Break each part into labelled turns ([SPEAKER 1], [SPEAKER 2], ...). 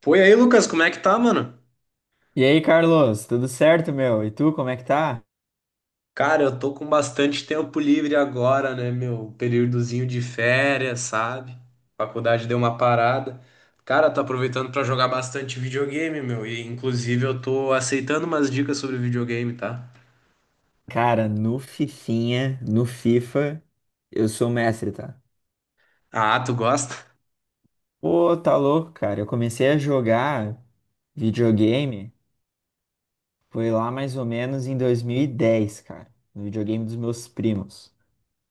[SPEAKER 1] Foi aí, Lucas, como é que tá, mano?
[SPEAKER 2] E aí, Carlos, tudo certo, meu? E tu, como é que tá?
[SPEAKER 1] Cara, eu tô com bastante tempo livre agora, né, meu? Um períodozinho de férias, sabe? Faculdade deu uma parada. Cara, tô aproveitando pra jogar bastante videogame, meu. E inclusive eu tô aceitando umas dicas sobre videogame, tá?
[SPEAKER 2] Cara, no FIFA, eu sou mestre, tá?
[SPEAKER 1] Ah, tu gosta?
[SPEAKER 2] Pô, tá louco, cara. Eu comecei a jogar videogame, foi lá mais ou menos em 2010, cara, no videogame dos meus primos.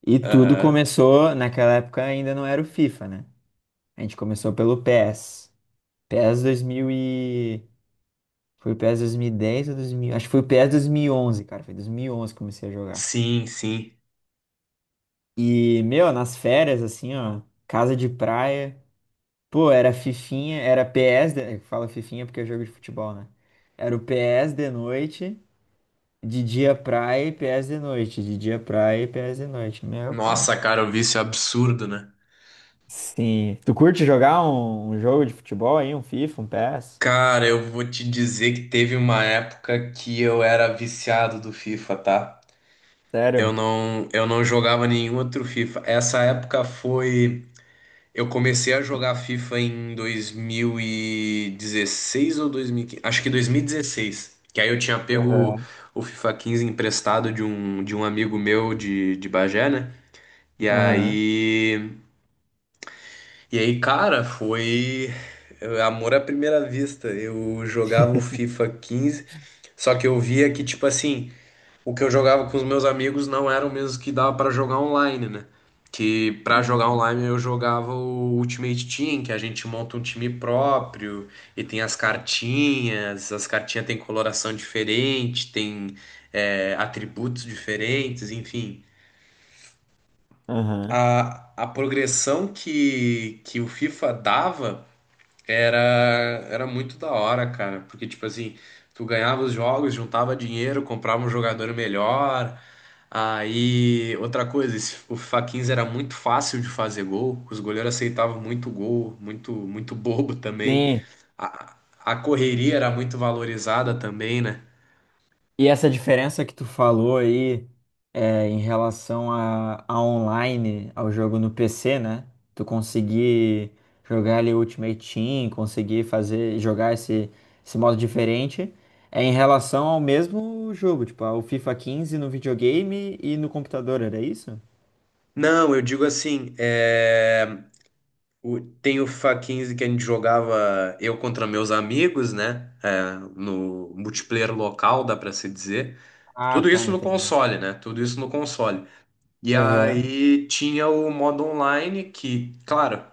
[SPEAKER 2] E tudo
[SPEAKER 1] Aham.
[SPEAKER 2] começou, naquela época ainda não era o FIFA, né? A gente começou pelo PES. PES 2000 e— Foi o PES 2010 ou 2000? Acho que foi o PES 2011, cara. Foi 2011 que comecei a jogar.
[SPEAKER 1] Sim, sim.
[SPEAKER 2] E, meu, nas férias, assim, ó, casa de praia. Pô, era fifinha, era PS, de— fala fifinha porque é jogo de futebol, né? Era o PS de noite, de dia praia e PS de noite, de dia praia e PS de noite. Meu pai.
[SPEAKER 1] Nossa, cara, o vício é absurdo, né?
[SPEAKER 2] Sim. Tu curte jogar um jogo de futebol aí, um FIFA, um PES?
[SPEAKER 1] Cara, eu vou te dizer que teve uma época que eu era viciado do FIFA, tá? Eu
[SPEAKER 2] Sério?
[SPEAKER 1] não, eu não jogava nenhum outro FIFA. Essa época foi. Eu comecei a jogar FIFA em 2016 ou 2015? Acho que 2016. Que aí eu tinha pego
[SPEAKER 2] Aham.
[SPEAKER 1] o FIFA 15 emprestado de um, amigo meu de Bagé, né? E
[SPEAKER 2] Aham.
[SPEAKER 1] aí. E aí, cara, foi. Amor à primeira vista. Eu jogava o FIFA 15, só que eu via que, tipo assim, o que eu jogava com os meus amigos não era o mesmo que dava pra jogar online, né? Que pra jogar
[SPEAKER 2] Uhum.
[SPEAKER 1] online eu jogava o Ultimate Team, que a gente monta um time próprio e tem as cartinhas têm coloração diferente, tem atributos diferentes, enfim.
[SPEAKER 2] Aham.
[SPEAKER 1] A progressão que o FIFA dava era, era muito da hora, cara, porque, tipo assim, tu ganhava os jogos, juntava dinheiro, comprava um jogador melhor. Aí, outra coisa, o FIFA 15 era muito fácil de fazer gol, os goleiros aceitavam muito gol, muito, muito bobo também.
[SPEAKER 2] Sim.
[SPEAKER 1] A, a correria era muito valorizada também, né?
[SPEAKER 2] E essa diferença que tu falou aí é, em relação a online, ao jogo no PC, né? Tu conseguir jogar ali Ultimate Team, conseguir fazer, jogar esse modo diferente, é em relação ao mesmo jogo, tipo, ao FIFA quinze no videogame e no computador, era isso?
[SPEAKER 1] Não, eu digo assim, tem o FIFA 15 que a gente jogava eu contra meus amigos, né? É, no multiplayer local, dá pra se dizer.
[SPEAKER 2] Ah,
[SPEAKER 1] Tudo
[SPEAKER 2] tá,
[SPEAKER 1] isso no
[SPEAKER 2] entendi.
[SPEAKER 1] console, né? Tudo isso no console. E
[SPEAKER 2] Aham.
[SPEAKER 1] aí tinha o modo online, que, claro,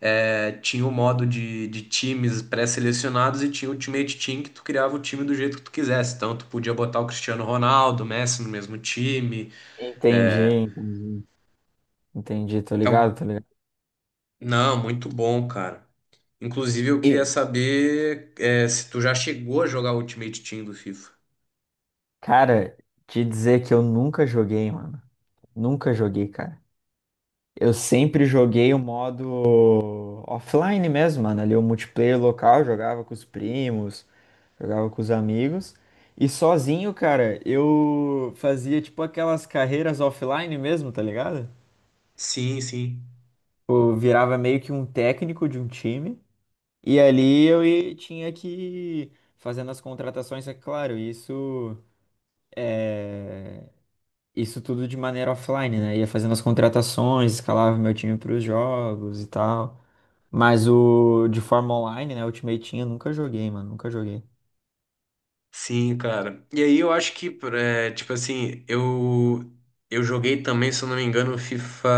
[SPEAKER 1] tinha o modo de, times pré-selecionados e tinha o Ultimate Team, que tu criava o time do jeito que tu quisesse. Então, tu podia botar o Cristiano Ronaldo, o Messi no mesmo time.
[SPEAKER 2] Entendi,
[SPEAKER 1] É.
[SPEAKER 2] entendi. Entendi, tô ligado,
[SPEAKER 1] Então,
[SPEAKER 2] tô ligado.
[SPEAKER 1] não, muito bom, cara. Inclusive, eu queria
[SPEAKER 2] E,
[SPEAKER 1] saber, se tu já chegou a jogar o Ultimate Team do FIFA.
[SPEAKER 2] cara, te dizer que eu nunca joguei, mano. Nunca joguei, cara. Eu sempre joguei o modo offline mesmo, mano. Ali o multiplayer local, jogava com os primos, jogava com os amigos. E sozinho, cara, eu fazia tipo aquelas carreiras offline mesmo, tá ligado?
[SPEAKER 1] Sim, sim.
[SPEAKER 2] Eu virava meio que um técnico de um time. E ali eu tinha que ir fazendo as contratações, é claro, isso é isso tudo de maneira offline, né? Ia fazendo as contratações, escalava meu time para os jogos e tal. Mas o de forma online, né? Ultimate Team eu nunca joguei, mano. Nunca joguei.
[SPEAKER 1] Sim, cara. E aí eu acho que, tipo assim, eu joguei também, se eu não me engano, FIFA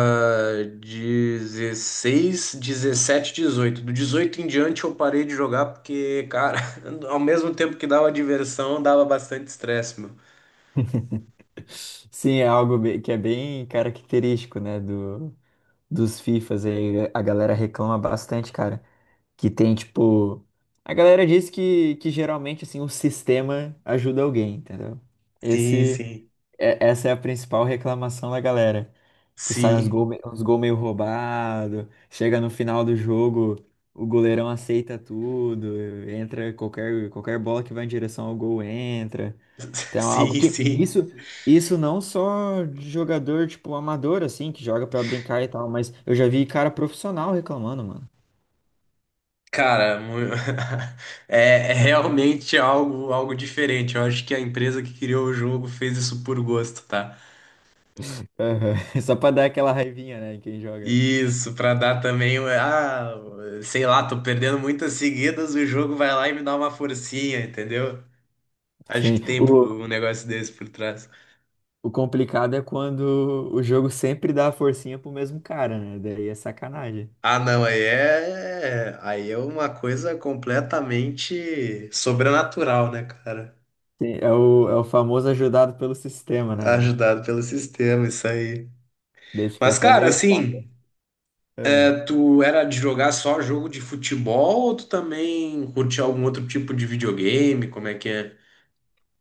[SPEAKER 1] 16, 17, 18. Do 18 em diante eu parei de jogar porque, cara, ao mesmo tempo que dava diversão, dava bastante estresse, meu.
[SPEAKER 2] Sim, é algo que é bem característico, né? Dos FIFAs aí. A galera reclama bastante, cara. Que tem, tipo. A galera diz que geralmente, assim, o sistema ajuda alguém, entendeu?
[SPEAKER 1] Sim,
[SPEAKER 2] Esse,
[SPEAKER 1] sim.
[SPEAKER 2] essa é a principal reclamação da galera. Que sai uns
[SPEAKER 1] Sim.
[SPEAKER 2] gols uns gol meio roubado, chega no final do jogo, o goleirão aceita tudo, entra qualquer bola que vai em direção ao gol entra. Então, é algo
[SPEAKER 1] Sim,
[SPEAKER 2] que
[SPEAKER 1] sim.
[SPEAKER 2] isso não só de jogador tipo amador assim, que joga pra brincar e tal, mas eu já vi cara profissional reclamando, mano.
[SPEAKER 1] Cara, é realmente algo diferente. Eu acho que a empresa que criou o jogo fez isso por gosto, tá?
[SPEAKER 2] Aham. Só pra dar aquela raivinha, né, em quem joga.
[SPEAKER 1] Isso, pra dar também, sei lá, tô perdendo muitas seguidas, o jogo vai lá e me dá uma forcinha, entendeu? Acho que
[SPEAKER 2] Sim,
[SPEAKER 1] tem
[SPEAKER 2] o
[SPEAKER 1] um negócio desse por trás.
[SPEAKER 2] O complicado é quando o jogo sempre dá a forcinha pro mesmo cara, né? Daí é sacanagem.
[SPEAKER 1] Ah, não, aí é uma coisa completamente sobrenatural, né, cara?
[SPEAKER 2] Sim, é o famoso ajudado pelo sistema, né, mano?
[SPEAKER 1] Ajudado pelo sistema, isso aí.
[SPEAKER 2] Daí fica
[SPEAKER 1] Mas,
[SPEAKER 2] até
[SPEAKER 1] cara,
[SPEAKER 2] meio chato.
[SPEAKER 1] assim,
[SPEAKER 2] É.
[SPEAKER 1] tu era de jogar só jogo de futebol ou tu também curtia algum outro tipo de videogame? Como é que é?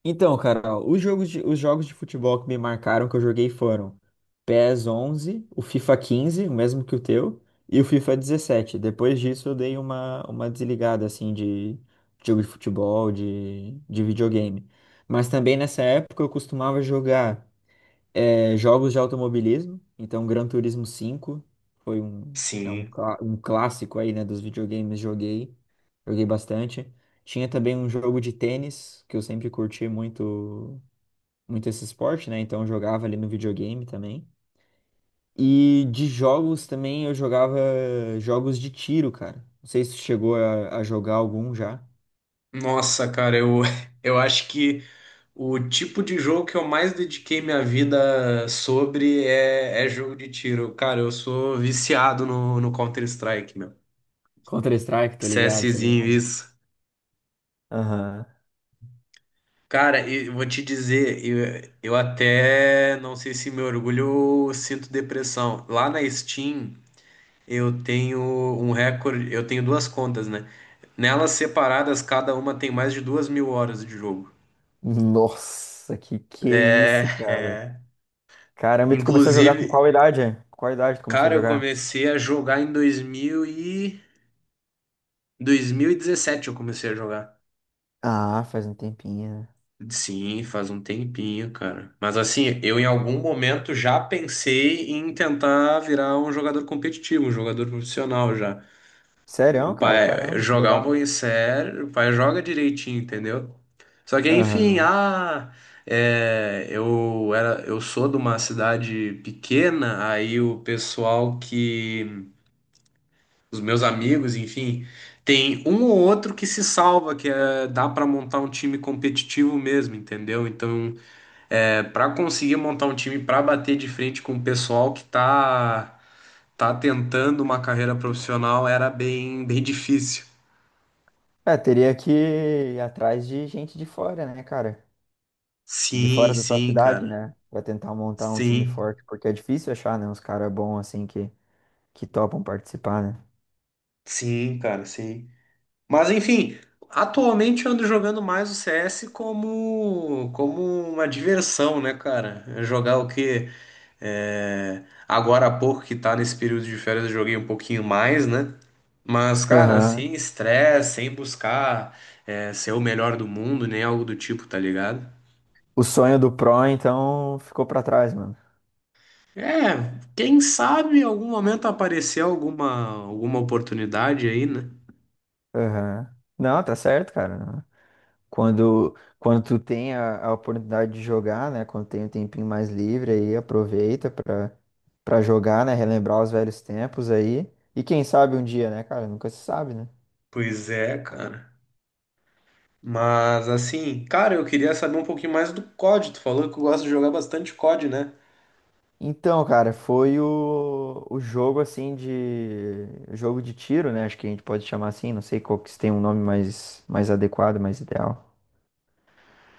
[SPEAKER 2] Então, cara, ó, os jogos de futebol que me marcaram que eu joguei foram PES onze, o FIFA quinze, o mesmo que o teu, e o FIFA dezessete. Depois disso, eu dei uma desligada, assim, de jogo de futebol, de videogame. Mas também nessa época eu costumava jogar. É, jogos de automobilismo, então Gran Turismo cinco foi um, é um,
[SPEAKER 1] Sim.
[SPEAKER 2] clá- um clássico aí, né, dos videogames, joguei, joguei bastante. Tinha também um jogo de tênis, que eu sempre curti muito, muito esse esporte, né, então eu jogava ali no videogame também. E de jogos também eu jogava jogos de tiro, cara. Não sei se tu chegou a jogar algum já.
[SPEAKER 1] Nossa, cara, eu, eu acho que o tipo de jogo que eu mais dediquei minha vida sobre é jogo de tiro. Cara, eu sou viciado no Counter-Strike, meu.
[SPEAKER 2] Counter-Strike, tá ligado, tá
[SPEAKER 1] CSzinho,
[SPEAKER 2] ligado?
[SPEAKER 1] isso.
[SPEAKER 2] Aham.
[SPEAKER 1] Cara, e eu vou te dizer, eu até não sei se me orgulho ou sinto depressão. Lá na Steam, eu tenho um recorde, eu tenho duas contas, né? Nelas separadas, cada uma tem mais de 2.000 horas de jogo.
[SPEAKER 2] Nossa, que é
[SPEAKER 1] É,
[SPEAKER 2] isso, cara.
[SPEAKER 1] é.
[SPEAKER 2] Caramba, e tu começou a jogar
[SPEAKER 1] Inclusive,
[SPEAKER 2] com qual idade? Com qual idade tu começou
[SPEAKER 1] cara,
[SPEAKER 2] a
[SPEAKER 1] eu
[SPEAKER 2] jogar?
[SPEAKER 1] comecei a jogar em 2000 e... 2017 eu comecei a jogar.
[SPEAKER 2] Ah, faz um tempinho, né?
[SPEAKER 1] Sim, faz um tempinho, cara. Mas assim, eu em algum momento já pensei em tentar virar um jogador competitivo, um jogador profissional já.
[SPEAKER 2] Sério,
[SPEAKER 1] O
[SPEAKER 2] cara?
[SPEAKER 1] pai
[SPEAKER 2] Caramba, que
[SPEAKER 1] jogar um
[SPEAKER 2] legal.
[SPEAKER 1] pouquinho sério, o pai joga direitinho, entendeu? Só que enfim,
[SPEAKER 2] Aham.
[SPEAKER 1] eu era, eu sou de uma cidade pequena, aí o pessoal que os meus amigos, enfim, tem um ou outro que se salva, que dá para montar um time competitivo mesmo, entendeu? Então, para conseguir montar um time para bater de frente com o pessoal que tá tá tentando uma carreira profissional era bem bem difícil.
[SPEAKER 2] É, teria que ir atrás de gente de fora, né, cara? De
[SPEAKER 1] Sim,
[SPEAKER 2] fora da tua
[SPEAKER 1] sim,
[SPEAKER 2] cidade,
[SPEAKER 1] cara.
[SPEAKER 2] né? Pra tentar montar um time
[SPEAKER 1] Sim,
[SPEAKER 2] forte, porque é difícil achar, né? Uns caras bons assim que, topam participar, né?
[SPEAKER 1] sim, cara, sim. Mas enfim, atualmente eu ando jogando mais o CS como uma diversão, né, cara? É, jogar o quê? Agora há pouco que tá nesse período de férias, eu joguei um pouquinho mais, né? Mas, cara,
[SPEAKER 2] Aham.
[SPEAKER 1] sem estresse, sem buscar ser o melhor do mundo, nem algo do tipo, tá ligado?
[SPEAKER 2] O sonho do Pro, então, ficou pra trás, mano.
[SPEAKER 1] É, quem sabe em algum momento aparecer alguma oportunidade aí, né?
[SPEAKER 2] Aham. Não, tá certo, cara. Quando tu tem a oportunidade de jogar, né? Quando tem um tempinho mais livre aí, aproveita pra jogar, né? Relembrar os velhos tempos aí. E quem sabe um dia, né, cara? Nunca se sabe, né?
[SPEAKER 1] Pois é, cara. Mas assim, cara, eu queria saber um pouquinho mais do COD. Tu falou que gosta de jogar bastante COD, né?
[SPEAKER 2] Então, cara, foi o jogo assim de. Jogo de tiro, né? Acho que a gente pode chamar assim, não sei qual que se tem um nome mais adequado, mais ideal.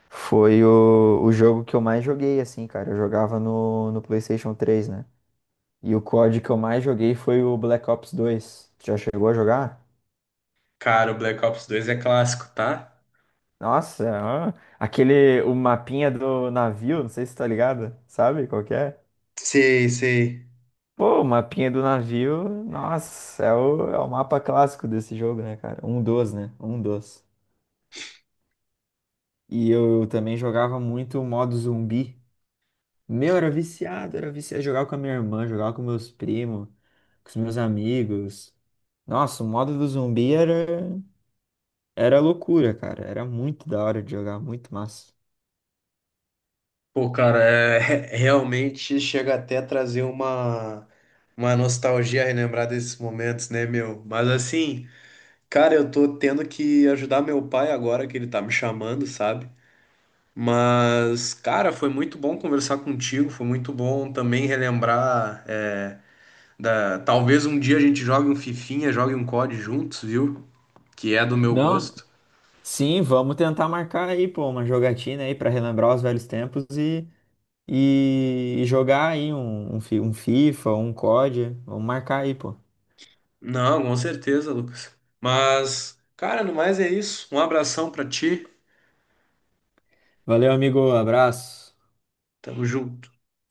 [SPEAKER 2] Foi o jogo que eu mais joguei, assim, cara. Eu jogava no PlayStation três, né? E o COD que eu mais joguei foi o Black Ops dois. Tu já chegou a jogar?
[SPEAKER 1] Cara, o Black Ops 2 é clássico, tá?
[SPEAKER 2] Nossa, ah, aquele, o mapinha do navio, não sei se tá ligado, sabe qual que é?
[SPEAKER 1] Sei, sei.
[SPEAKER 2] Pô, o mapinha do navio, nossa, é o mapa clássico desse jogo, né, cara? Um dos, né? Um dos. E eu também jogava muito o modo zumbi. Meu, era viciado, era viciado. Jogava com a minha irmã, jogava com meus primos, com os meus amigos. Nossa, o modo do zumbi era. Era loucura, cara. Era muito da hora de jogar, muito massa.
[SPEAKER 1] Pô, cara, é, realmente chega até a trazer uma nostalgia relembrar desses momentos, né, meu? Mas assim, cara, eu tô tendo que ajudar meu pai agora que ele tá me chamando, sabe? Mas, cara, foi muito bom conversar contigo, foi muito bom também relembrar é, da. Talvez um dia a gente jogue um Fifinha, jogue um COD juntos, viu? Que é do meu
[SPEAKER 2] Não,
[SPEAKER 1] gosto.
[SPEAKER 2] sim, vamos tentar marcar aí, pô, uma jogatina aí pra relembrar os velhos tempos e jogar aí um FIFA, um COD. Vamos marcar aí, pô.
[SPEAKER 1] Não, com certeza, Lucas. Mas, cara, no mais é isso. Um abração pra ti.
[SPEAKER 2] Valeu, amigo. Abraço.
[SPEAKER 1] Tamo junto.